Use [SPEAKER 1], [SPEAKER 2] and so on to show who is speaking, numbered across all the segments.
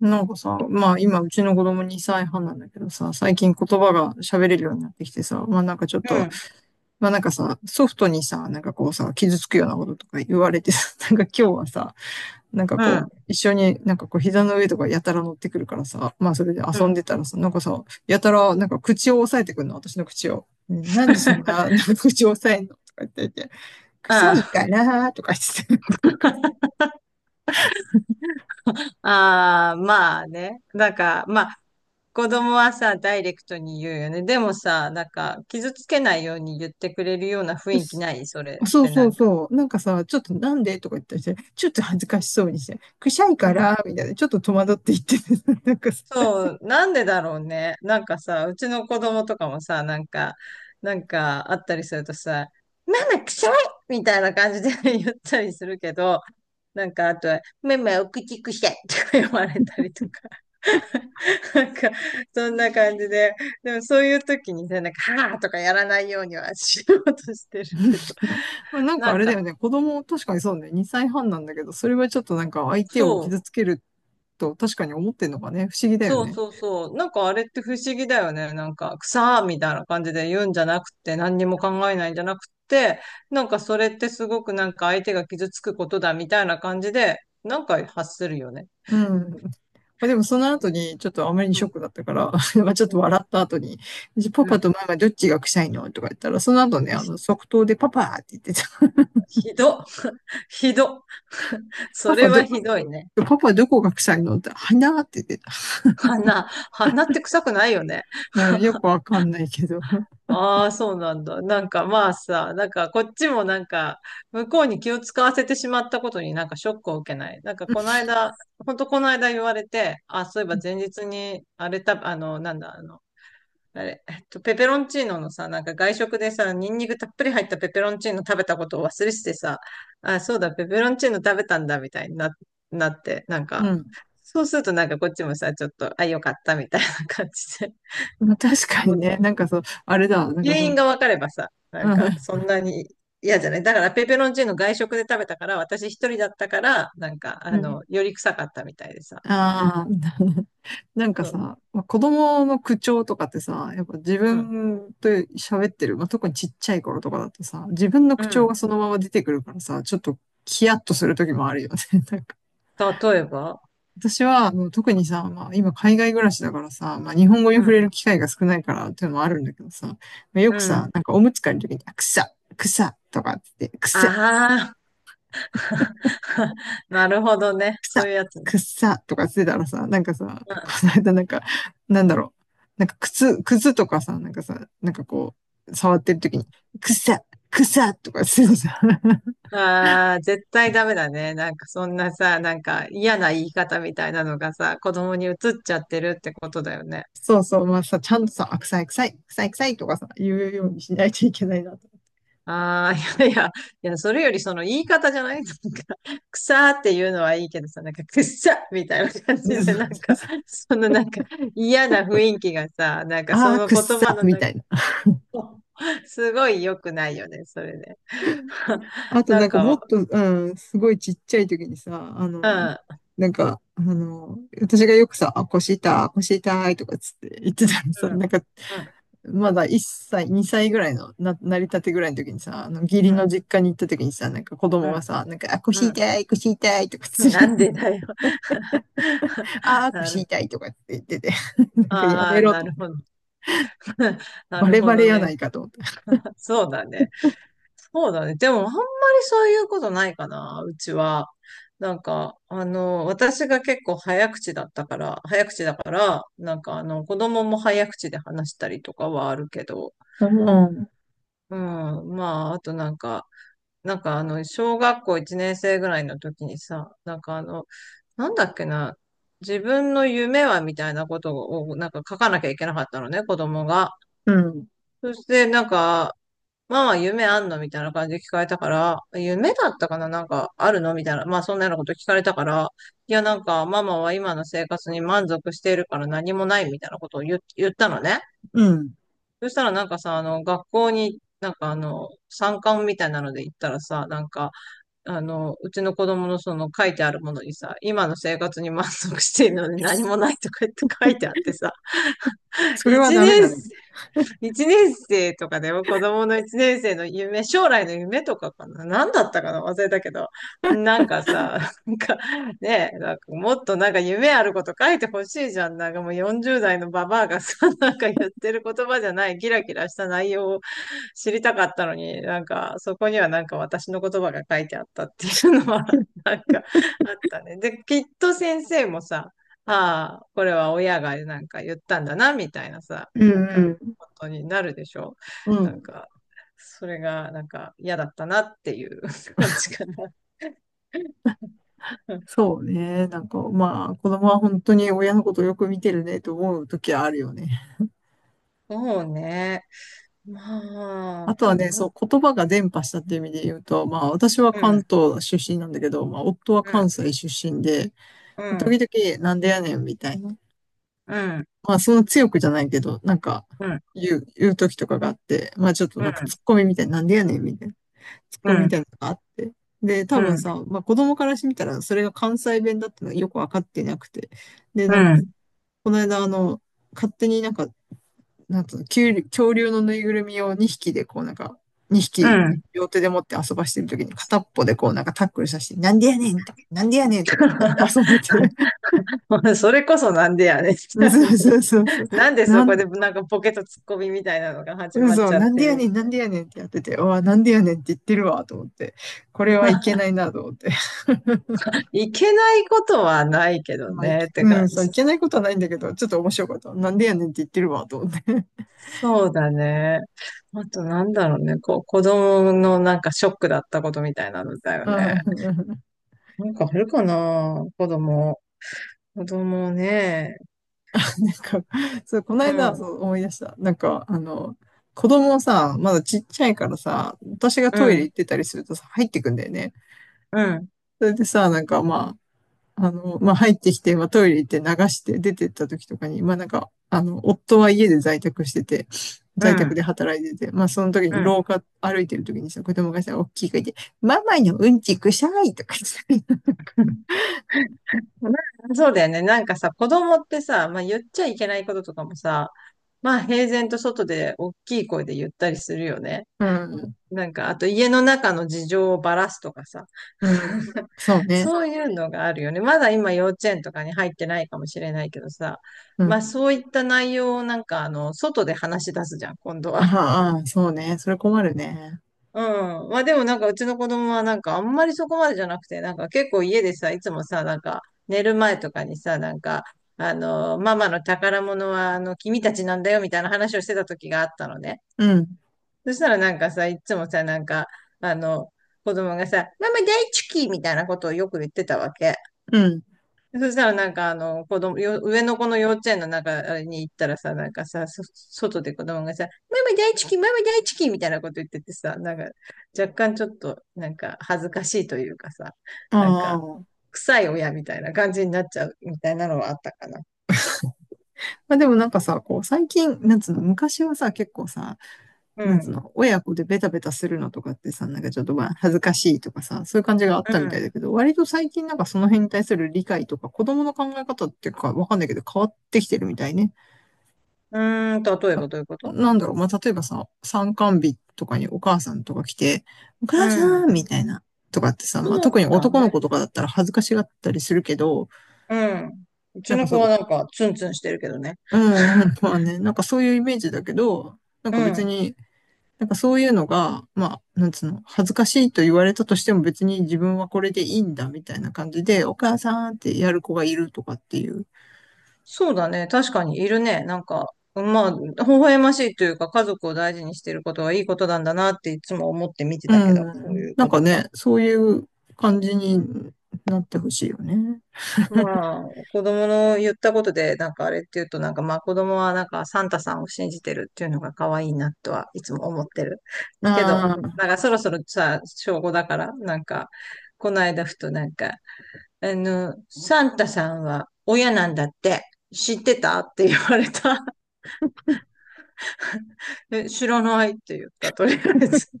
[SPEAKER 1] なんかさ、まあ今うちの子供2歳半なんだけどさ、最近言葉が喋れるようになってきてさ、まあなんかちょっ
[SPEAKER 2] う
[SPEAKER 1] と、
[SPEAKER 2] ん、
[SPEAKER 1] まあなんかさ、ソフトにさ、なんかこうさ、傷つくようなこととか言われてさ、なんか今日はさ、なんか
[SPEAKER 2] う
[SPEAKER 1] こ
[SPEAKER 2] ん、
[SPEAKER 1] う、一緒になんかこう膝の上とかやたら乗ってくるからさ、まあそれで
[SPEAKER 2] う
[SPEAKER 1] 遊ん
[SPEAKER 2] ん。
[SPEAKER 1] でたらさ、なんかさ、やたらなんか口を押さえてくるの、私の口を。ねなんでそんな、な んか口を押さえんのとか言ってて、
[SPEAKER 2] うん
[SPEAKER 1] 臭いか
[SPEAKER 2] あ
[SPEAKER 1] なーとか言ってて。
[SPEAKER 2] あー、まあね。なんか、まあ、子供はさ、ダイレクトに言うよね。でもさ、なんか、傷つけないように言ってくれるような雰囲気 ないそれっ
[SPEAKER 1] そう
[SPEAKER 2] てな
[SPEAKER 1] そう
[SPEAKER 2] んか。
[SPEAKER 1] そう。なんかさ、ちょっとなんでとか言ったりして、ちょっと恥ずかしそうにして、くしゃい
[SPEAKER 2] う
[SPEAKER 1] か
[SPEAKER 2] ん。
[SPEAKER 1] ら、みたいな、ちょっと戸惑って言ってて、なんかさ、
[SPEAKER 2] そう、なんでだろうね。なんかさ、うちの子供とかもさ、なんか、なんかあったりするとさ、ママ臭いみたいな感じで 言ったりするけど、なんかあとは、ママお口臭いとか言われたりとか。なんか、そんな感じで。でもそういう時にね、なんか、はぁとかやらないようにはしようとしてるけど。
[SPEAKER 1] まあなんか
[SPEAKER 2] な
[SPEAKER 1] あ
[SPEAKER 2] ん
[SPEAKER 1] れだよ
[SPEAKER 2] か、
[SPEAKER 1] ね、子供、確かにそうね、2歳半なんだけど、それはちょっとなんか相手を
[SPEAKER 2] そう、
[SPEAKER 1] 傷つけると確かに思ってんのかね、不思議だよ
[SPEAKER 2] そう
[SPEAKER 1] ね。
[SPEAKER 2] そうそう。なんかあれって不思議だよね。なんか、くさーみたいな感じで言うんじゃなくて、何にも考えないんじゃなくて、なんかそれってすごくなんか相手が傷つくことだみたいな感じで、なんか発するよね。
[SPEAKER 1] うん。まあ、でもその後に、ちょっとあまりに
[SPEAKER 2] う
[SPEAKER 1] ショッ
[SPEAKER 2] ん、
[SPEAKER 1] クだったから、まあちょっと
[SPEAKER 2] うん、
[SPEAKER 1] 笑った後に、パ
[SPEAKER 2] う
[SPEAKER 1] パ
[SPEAKER 2] ん。
[SPEAKER 1] とママどっちが臭いのとか言ったら、その後ね、あ
[SPEAKER 2] ひ
[SPEAKER 1] の、即答でパパって言ってた。
[SPEAKER 2] ひどっ、ひどっ。そ
[SPEAKER 1] パ
[SPEAKER 2] れ
[SPEAKER 1] パ
[SPEAKER 2] は
[SPEAKER 1] ど、
[SPEAKER 2] ひどいね。
[SPEAKER 1] パパどこが臭いのって、鼻って言って、
[SPEAKER 2] 鼻。鼻って臭くないよね。
[SPEAKER 1] うん、よくわかんないけど。
[SPEAKER 2] ああ、そうなんだ。なんかまあさ、なんかこっちもなんか向こうに気を使わせてしまったことになんかショックを受けない。なんかこの間、ほんとこの間言われて、あ、そういえば前日に、あれた、あの、なんだ、あの、あれ、ペペロンチーノのさ、なんか外食でさ、ニンニクたっぷり入ったペペロンチーノ食べたことを忘れしてさ、あ、そうだ、ペペロンチーノ食べたんだ、みたいにな、なって、なん
[SPEAKER 1] う
[SPEAKER 2] か、
[SPEAKER 1] ん。
[SPEAKER 2] そうするとなんかこっちもさ、ちょっと、あ、よかった、みたいな感じで。
[SPEAKER 1] まあ、確かにね、なんかそう、あれだ、なんか
[SPEAKER 2] 原
[SPEAKER 1] そ
[SPEAKER 2] 因
[SPEAKER 1] の、
[SPEAKER 2] が分かればさ、な
[SPEAKER 1] う
[SPEAKER 2] ん
[SPEAKER 1] ん。
[SPEAKER 2] かそんなに嫌じゃない。だからペペロンチーノ外食で食べたから、私一人だったから、なんか、あ
[SPEAKER 1] うん、
[SPEAKER 2] の、より臭かったみたいでさ。
[SPEAKER 1] ああ、なんか
[SPEAKER 2] そう。
[SPEAKER 1] さ、まあ、子供の口調とかってさ、やっぱ自
[SPEAKER 2] うん。
[SPEAKER 1] 分と喋ってる、まあ、特にちっちゃい頃とかだとさ、自分の
[SPEAKER 2] う
[SPEAKER 1] 口調が
[SPEAKER 2] ん。
[SPEAKER 1] そのまま出てくるからさ、ちょっとヒヤッとする時もあるよね。
[SPEAKER 2] 例えば
[SPEAKER 1] 私は、もう特にさ、まあ、今海外暮らしだからさ、まあ、日本語に触れ
[SPEAKER 2] う
[SPEAKER 1] る機会が少ないからっていうのもあるんだけどさ、まあ、よ
[SPEAKER 2] ん。う
[SPEAKER 1] くさ、
[SPEAKER 2] ん。
[SPEAKER 1] なんかおむつ替えるときに、あくさ、くさとかって、く
[SPEAKER 2] あ
[SPEAKER 1] さ、
[SPEAKER 2] あ、なるほどね。
[SPEAKER 1] く
[SPEAKER 2] そう
[SPEAKER 1] さ、
[SPEAKER 2] いうやつね。
[SPEAKER 1] くさとかつってたらさ、なんかさ、
[SPEAKER 2] うん。
[SPEAKER 1] この間なんか、なんだろう、なんか靴、靴とかさ、なんかさ、なんかこう、触ってるときに、くさ、くさとかつってさ、
[SPEAKER 2] ああ、絶対ダメだね。なんかそんなさ、なんか嫌な言い方みたいなのがさ、子供に移っちゃってるってことだよね。
[SPEAKER 1] そうそう、まあさ、ちゃんとさ、あ、臭い臭い、臭い臭いとかさ、言うようにしないといけないなと。
[SPEAKER 2] ああ、いやいや、いや、それよりその言い方じゃないなんか、草っていうのはいいけどさ、なんか、くっさみたいな感じで、なんか、そのなんか、嫌な雰囲気がさ、なんか
[SPEAKER 1] あ
[SPEAKER 2] そ
[SPEAKER 1] あ、
[SPEAKER 2] の
[SPEAKER 1] くっ
[SPEAKER 2] 言葉
[SPEAKER 1] さ、
[SPEAKER 2] の
[SPEAKER 1] み
[SPEAKER 2] 中、
[SPEAKER 1] たいな。
[SPEAKER 2] すごい良くないよね、それね。
[SPEAKER 1] あと
[SPEAKER 2] な
[SPEAKER 1] な
[SPEAKER 2] ん
[SPEAKER 1] んかもっ
[SPEAKER 2] か、
[SPEAKER 1] と、うん、すごいちっちゃい時にさ、あ
[SPEAKER 2] う
[SPEAKER 1] の、
[SPEAKER 2] ん、
[SPEAKER 1] なんか、あの、私がよくさ、あ、腰痛い、腰痛いとかつって言ってたらさ、
[SPEAKER 2] うん、
[SPEAKER 1] なんか、
[SPEAKER 2] うん、
[SPEAKER 1] まだ1歳、2歳ぐらいの、なりたてぐらいの時にさ、あの、義理
[SPEAKER 2] う
[SPEAKER 1] の
[SPEAKER 2] ん、
[SPEAKER 1] 実家に行った時にさ、なんか子
[SPEAKER 2] う
[SPEAKER 1] 供がさ、なんか、あ、腰
[SPEAKER 2] ん、
[SPEAKER 1] 痛い、腰痛いとか
[SPEAKER 2] う
[SPEAKER 1] つ
[SPEAKER 2] ん、
[SPEAKER 1] っ
[SPEAKER 2] な
[SPEAKER 1] て、
[SPEAKER 2] んでだよ。
[SPEAKER 1] あ ー、
[SPEAKER 2] な
[SPEAKER 1] 腰
[SPEAKER 2] る、
[SPEAKER 1] 痛いとかって言ってて、なんかや
[SPEAKER 2] あ
[SPEAKER 1] め
[SPEAKER 2] あ、
[SPEAKER 1] ろ
[SPEAKER 2] な
[SPEAKER 1] と。
[SPEAKER 2] るほど。な
[SPEAKER 1] バ
[SPEAKER 2] る
[SPEAKER 1] レ
[SPEAKER 2] ほ
[SPEAKER 1] バレ
[SPEAKER 2] ど
[SPEAKER 1] やない
[SPEAKER 2] ね。
[SPEAKER 1] かと思った。
[SPEAKER 2] そうだね。そうだね。でも、あんまりそういうことないかな、うちは。なんか、あの、私が結構早口だったから、早口だから、なんかあの、子供も早口で話したりとかはあるけど、
[SPEAKER 1] うん、
[SPEAKER 2] うん、まあ、あとなんか、なんかあの、小学校1年生ぐらいの時にさ、なんかあの、なんだっけな、自分の夢はみたいなことをなんか書かなきゃいけなかったのね、子供が。
[SPEAKER 1] うん、
[SPEAKER 2] そしてなんか、ママ夢あんのみたいな感じで聞かれたから、夢だったかななんかあるのみたいな、まあそんなようなこと聞かれたから、いやなんかママは今の生活に満足しているから何もないみたいなことを言ったのね。
[SPEAKER 1] うん。
[SPEAKER 2] そしたらなんかさ、あの学校になんかあの参観みたいなので行ったらさ、なんかあのうちの子供のその書いてあるものにさ、今の生活に満足しているので何もないとか言って書いてあってさ、
[SPEAKER 1] それは
[SPEAKER 2] 一
[SPEAKER 1] ダメだ
[SPEAKER 2] 年
[SPEAKER 1] ね。
[SPEAKER 2] 一年生とかでも子供の一年生の夢、将来の夢とかかな。何だったかな忘れたけど。なんかさ、なんかねえ、なんかもっとなんか夢あること書いてほしいじゃん。なんかもう40代のババアがさ、なんか言ってる言葉じゃない、キラキラした内容を知りたかったのに、なんか、そこにはなんか私の言葉が書いてあったっていうのは なんかあったね。で、きっと先生もさ、ああ、これは親がなんか言ったんだな、みたいなさ、
[SPEAKER 1] う
[SPEAKER 2] なんか、
[SPEAKER 1] ん、
[SPEAKER 2] ことになるでしょ
[SPEAKER 1] うん、う
[SPEAKER 2] なん
[SPEAKER 1] ん。
[SPEAKER 2] か、それがなんか嫌だったなっていう 感じかな。
[SPEAKER 1] そうね。なんか、まあ、子供は本当に親のことをよく見てるねと思う時はあるよね。
[SPEAKER 2] そうね。まあ、
[SPEAKER 1] あ
[SPEAKER 2] あ
[SPEAKER 1] と
[SPEAKER 2] と
[SPEAKER 1] は
[SPEAKER 2] な
[SPEAKER 1] ね、
[SPEAKER 2] ん、う
[SPEAKER 1] そ
[SPEAKER 2] ん、
[SPEAKER 1] う、言葉が伝播したっていう意味で言うと、まあ、私は関東出身なんだけど、まあ、夫は
[SPEAKER 2] う
[SPEAKER 1] 関
[SPEAKER 2] ん、
[SPEAKER 1] 西出身で、
[SPEAKER 2] う
[SPEAKER 1] 時
[SPEAKER 2] ん、
[SPEAKER 1] 々、なんでやねんみたいな。
[SPEAKER 2] うん、
[SPEAKER 1] まあ、そんな強くじゃないけど、なんか、
[SPEAKER 2] うん、
[SPEAKER 1] 言う時とかがあって、まあ、ちょっと
[SPEAKER 2] う
[SPEAKER 1] なんか、ツッ
[SPEAKER 2] ん、
[SPEAKER 1] コミみたいな、なんでやねんみたいな、ツッコ
[SPEAKER 2] う
[SPEAKER 1] ミみ
[SPEAKER 2] ん、
[SPEAKER 1] たいなのがあって。で、多
[SPEAKER 2] う
[SPEAKER 1] 分
[SPEAKER 2] ん、
[SPEAKER 1] さ、まあ、子供からしてみたら、それが関西弁だってのはよくわかってなくて、で、
[SPEAKER 2] う
[SPEAKER 1] なんか
[SPEAKER 2] ん。
[SPEAKER 1] この間、あの、勝手になんか、なんつうの、恐竜のぬいぐるみを2匹で、こうなんか、2
[SPEAKER 2] う
[SPEAKER 1] 匹
[SPEAKER 2] ん
[SPEAKER 1] 両手で持って遊ばしてる時に片っぽでこうなんかタックルさせて、なんでやねんとか、なんでやねんとかやっ て遊んでて、
[SPEAKER 2] それこそなんでやねんみ
[SPEAKER 1] そ
[SPEAKER 2] た
[SPEAKER 1] う
[SPEAKER 2] いな。
[SPEAKER 1] そうそう そう、
[SPEAKER 2] なんでそ
[SPEAKER 1] な
[SPEAKER 2] こ
[SPEAKER 1] ん、
[SPEAKER 2] でなんかポケットツッコミみたいなのが始まっ
[SPEAKER 1] そう、
[SPEAKER 2] ちゃっ
[SPEAKER 1] なん
[SPEAKER 2] て
[SPEAKER 1] でやねん、
[SPEAKER 2] る。
[SPEAKER 1] なんでやねんってやってて、うわ、なんでやねんって言ってるわ、と思って、これはいけないな、と思って。
[SPEAKER 2] いけないことはないけど
[SPEAKER 1] まあ、い
[SPEAKER 2] ね、
[SPEAKER 1] き
[SPEAKER 2] って感
[SPEAKER 1] うん、そう、い
[SPEAKER 2] じ。
[SPEAKER 1] けないことはないんだけど、ちょっと面白かった。なんでやねんって言ってるわ、と思って。
[SPEAKER 2] そうだね。あとなんだろうね、こう、子供のなんかショックだったことみたいなのだ よ
[SPEAKER 1] う
[SPEAKER 2] ね。
[SPEAKER 1] ん
[SPEAKER 2] なんかあるかな、子供。子供ね。
[SPEAKER 1] なんか、そう、この
[SPEAKER 2] う
[SPEAKER 1] 間、
[SPEAKER 2] ん、
[SPEAKER 1] そう思い出した。なんか、あの、子供さ、まだちっちゃいからさ、私が
[SPEAKER 2] う
[SPEAKER 1] トイレ
[SPEAKER 2] ん、
[SPEAKER 1] 行ってたりするとさ、入ってくんだよね。
[SPEAKER 2] うん、
[SPEAKER 1] それでさ、なんかまあ、あの、まあ入ってきて、まあトイレ行って流して出てった時とかに、まあなんか、あの、夫は家で在宅してて、
[SPEAKER 2] う
[SPEAKER 1] 在宅
[SPEAKER 2] ん、
[SPEAKER 1] で働いてて、まあその時に
[SPEAKER 2] う
[SPEAKER 1] 廊下歩いてる時にさ、子供がさ、大きい声で、ママのうんちくしゃいとか言ってた。
[SPEAKER 2] ん。なそうだよね。なんかさ、子供ってさ、まあ言っちゃいけないこととかもさ、まあ平然と外で大きい声で言ったりするよね。
[SPEAKER 1] うん、
[SPEAKER 2] なんか、あと家の中の事情をばらすとかさ。
[SPEAKER 1] うん、そうね。
[SPEAKER 2] そういうのがあるよね。まだ今幼稚園とかに入ってないかもしれないけどさ、
[SPEAKER 1] う
[SPEAKER 2] まあ
[SPEAKER 1] ん。
[SPEAKER 2] そういった内容をなんかあの、外で話し出すじゃん、今度
[SPEAKER 1] あ
[SPEAKER 2] は。
[SPEAKER 1] あ、ああそうね。それ困るね。
[SPEAKER 2] うん。まあでもなんかうちの子供はなんかあんまりそこまでじゃなくて、なんか結構家でさ、いつもさ、なんか寝る前とかにさ、なんか、あの、ママの宝物はあの、君たちなんだよみたいな話をしてた時があったのね。
[SPEAKER 1] うん。
[SPEAKER 2] そしたらなんかさ、いつもさ、なんか、あの、子供がさ、ママ大好きみたいなことをよく言ってたわけ。
[SPEAKER 1] うん。
[SPEAKER 2] そしたらなんかあの子供、上の子の幼稚園の中に行ったらさ、なんかさ、外で子供がさ、ママ大好き、ママ大好きみたいなこと言っててさ、なんか若干ちょっとなんか恥ずかしいというかさ、
[SPEAKER 1] あ
[SPEAKER 2] なんか
[SPEAKER 1] あ。
[SPEAKER 2] 臭い親みたいな感じになっちゃうみたいなのはあったかな。
[SPEAKER 1] まあでもなんかさ、こう最近、なんつうの、昔はさ、結構さ、
[SPEAKER 2] う
[SPEAKER 1] なんつう
[SPEAKER 2] ん。
[SPEAKER 1] の、親子でベタベタするのとかってさ、なんかちょっとまあ恥ずかしいとかさ、そういう感じがあっ
[SPEAKER 2] う
[SPEAKER 1] たみたい
[SPEAKER 2] ん。
[SPEAKER 1] だけど、割と最近なんかその辺に対する理解とか、子供の考え方っていうかわかんないけど変わってきてるみたいね。
[SPEAKER 2] うーん、例え
[SPEAKER 1] な、
[SPEAKER 2] ばどういうこと？
[SPEAKER 1] なんだろう、まあ例えばさ、参観日とかにお母さんとか来て、お
[SPEAKER 2] う
[SPEAKER 1] 母さ
[SPEAKER 2] ん。
[SPEAKER 1] んみたいな。とかってさ、
[SPEAKER 2] そ
[SPEAKER 1] まあ、特
[SPEAKER 2] う
[SPEAKER 1] に
[SPEAKER 2] だ
[SPEAKER 1] 男の子
[SPEAKER 2] ね。
[SPEAKER 1] とかだったら恥ずかしがったりするけど、
[SPEAKER 2] うん。うち
[SPEAKER 1] なんか
[SPEAKER 2] の子
[SPEAKER 1] そ
[SPEAKER 2] はなん
[SPEAKER 1] う、
[SPEAKER 2] かツンツンしてるけどね。
[SPEAKER 1] うんうん、まあね、なんかそういうイメージだけど、なん
[SPEAKER 2] う
[SPEAKER 1] か別
[SPEAKER 2] ん。
[SPEAKER 1] に、なんかそういうのが、まあ、なんつうの、恥ずかしいと言われたとしても別に自分はこれでいいんだみたいな感じで、お母さんってやる子がいるとかっていう。
[SPEAKER 2] そうだね。確かにいるね。なんか、まあ、微笑ましいというか、家族を大事にしていることはいいことなんだなっていつも思って見て
[SPEAKER 1] う
[SPEAKER 2] たけど、そう
[SPEAKER 1] ん。
[SPEAKER 2] いう
[SPEAKER 1] なん
[SPEAKER 2] こ
[SPEAKER 1] か
[SPEAKER 2] とか。
[SPEAKER 1] ね、そういう感じになってほしいよね。
[SPEAKER 2] まあ、子供の言ったことで、なんかあれって言うと、なんかまあ子供はなんかサンタさんを信じてるっていうのが可愛いなとはいつも思ってる。けど、
[SPEAKER 1] ああ、
[SPEAKER 2] なんかそろそろさ、小5だから、なんか、この間ふとなんか、あの、サンタさんは親なんだって知ってたって言われた。え、知らないって言った、とりあえず。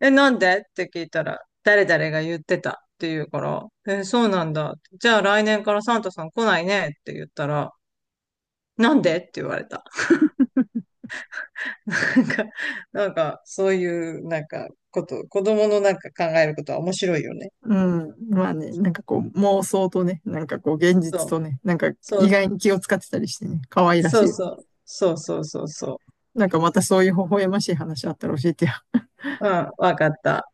[SPEAKER 2] え、なんでって聞いたら、誰々が言ってたって言うから、え、そうなんだ。じゃあ来年からサンタさん来ないねって言ったら、なんでって言われた。なんか、なんか、そういう、なんか、こと、子供のなんか考えることは面白いよね。
[SPEAKER 1] うん。まあね、なんかこう妄想とね、なんかこう現実
[SPEAKER 2] そう、
[SPEAKER 1] とね、なんか
[SPEAKER 2] そ
[SPEAKER 1] 意
[SPEAKER 2] う、
[SPEAKER 1] 外に気を使ってたりしてね、可愛ら
[SPEAKER 2] そ
[SPEAKER 1] しい
[SPEAKER 2] う
[SPEAKER 1] よね。
[SPEAKER 2] そう、そうそうそうそ
[SPEAKER 1] なんかまたそういう微笑ましい話あったら教えてよ。
[SPEAKER 2] う。うん、わかった。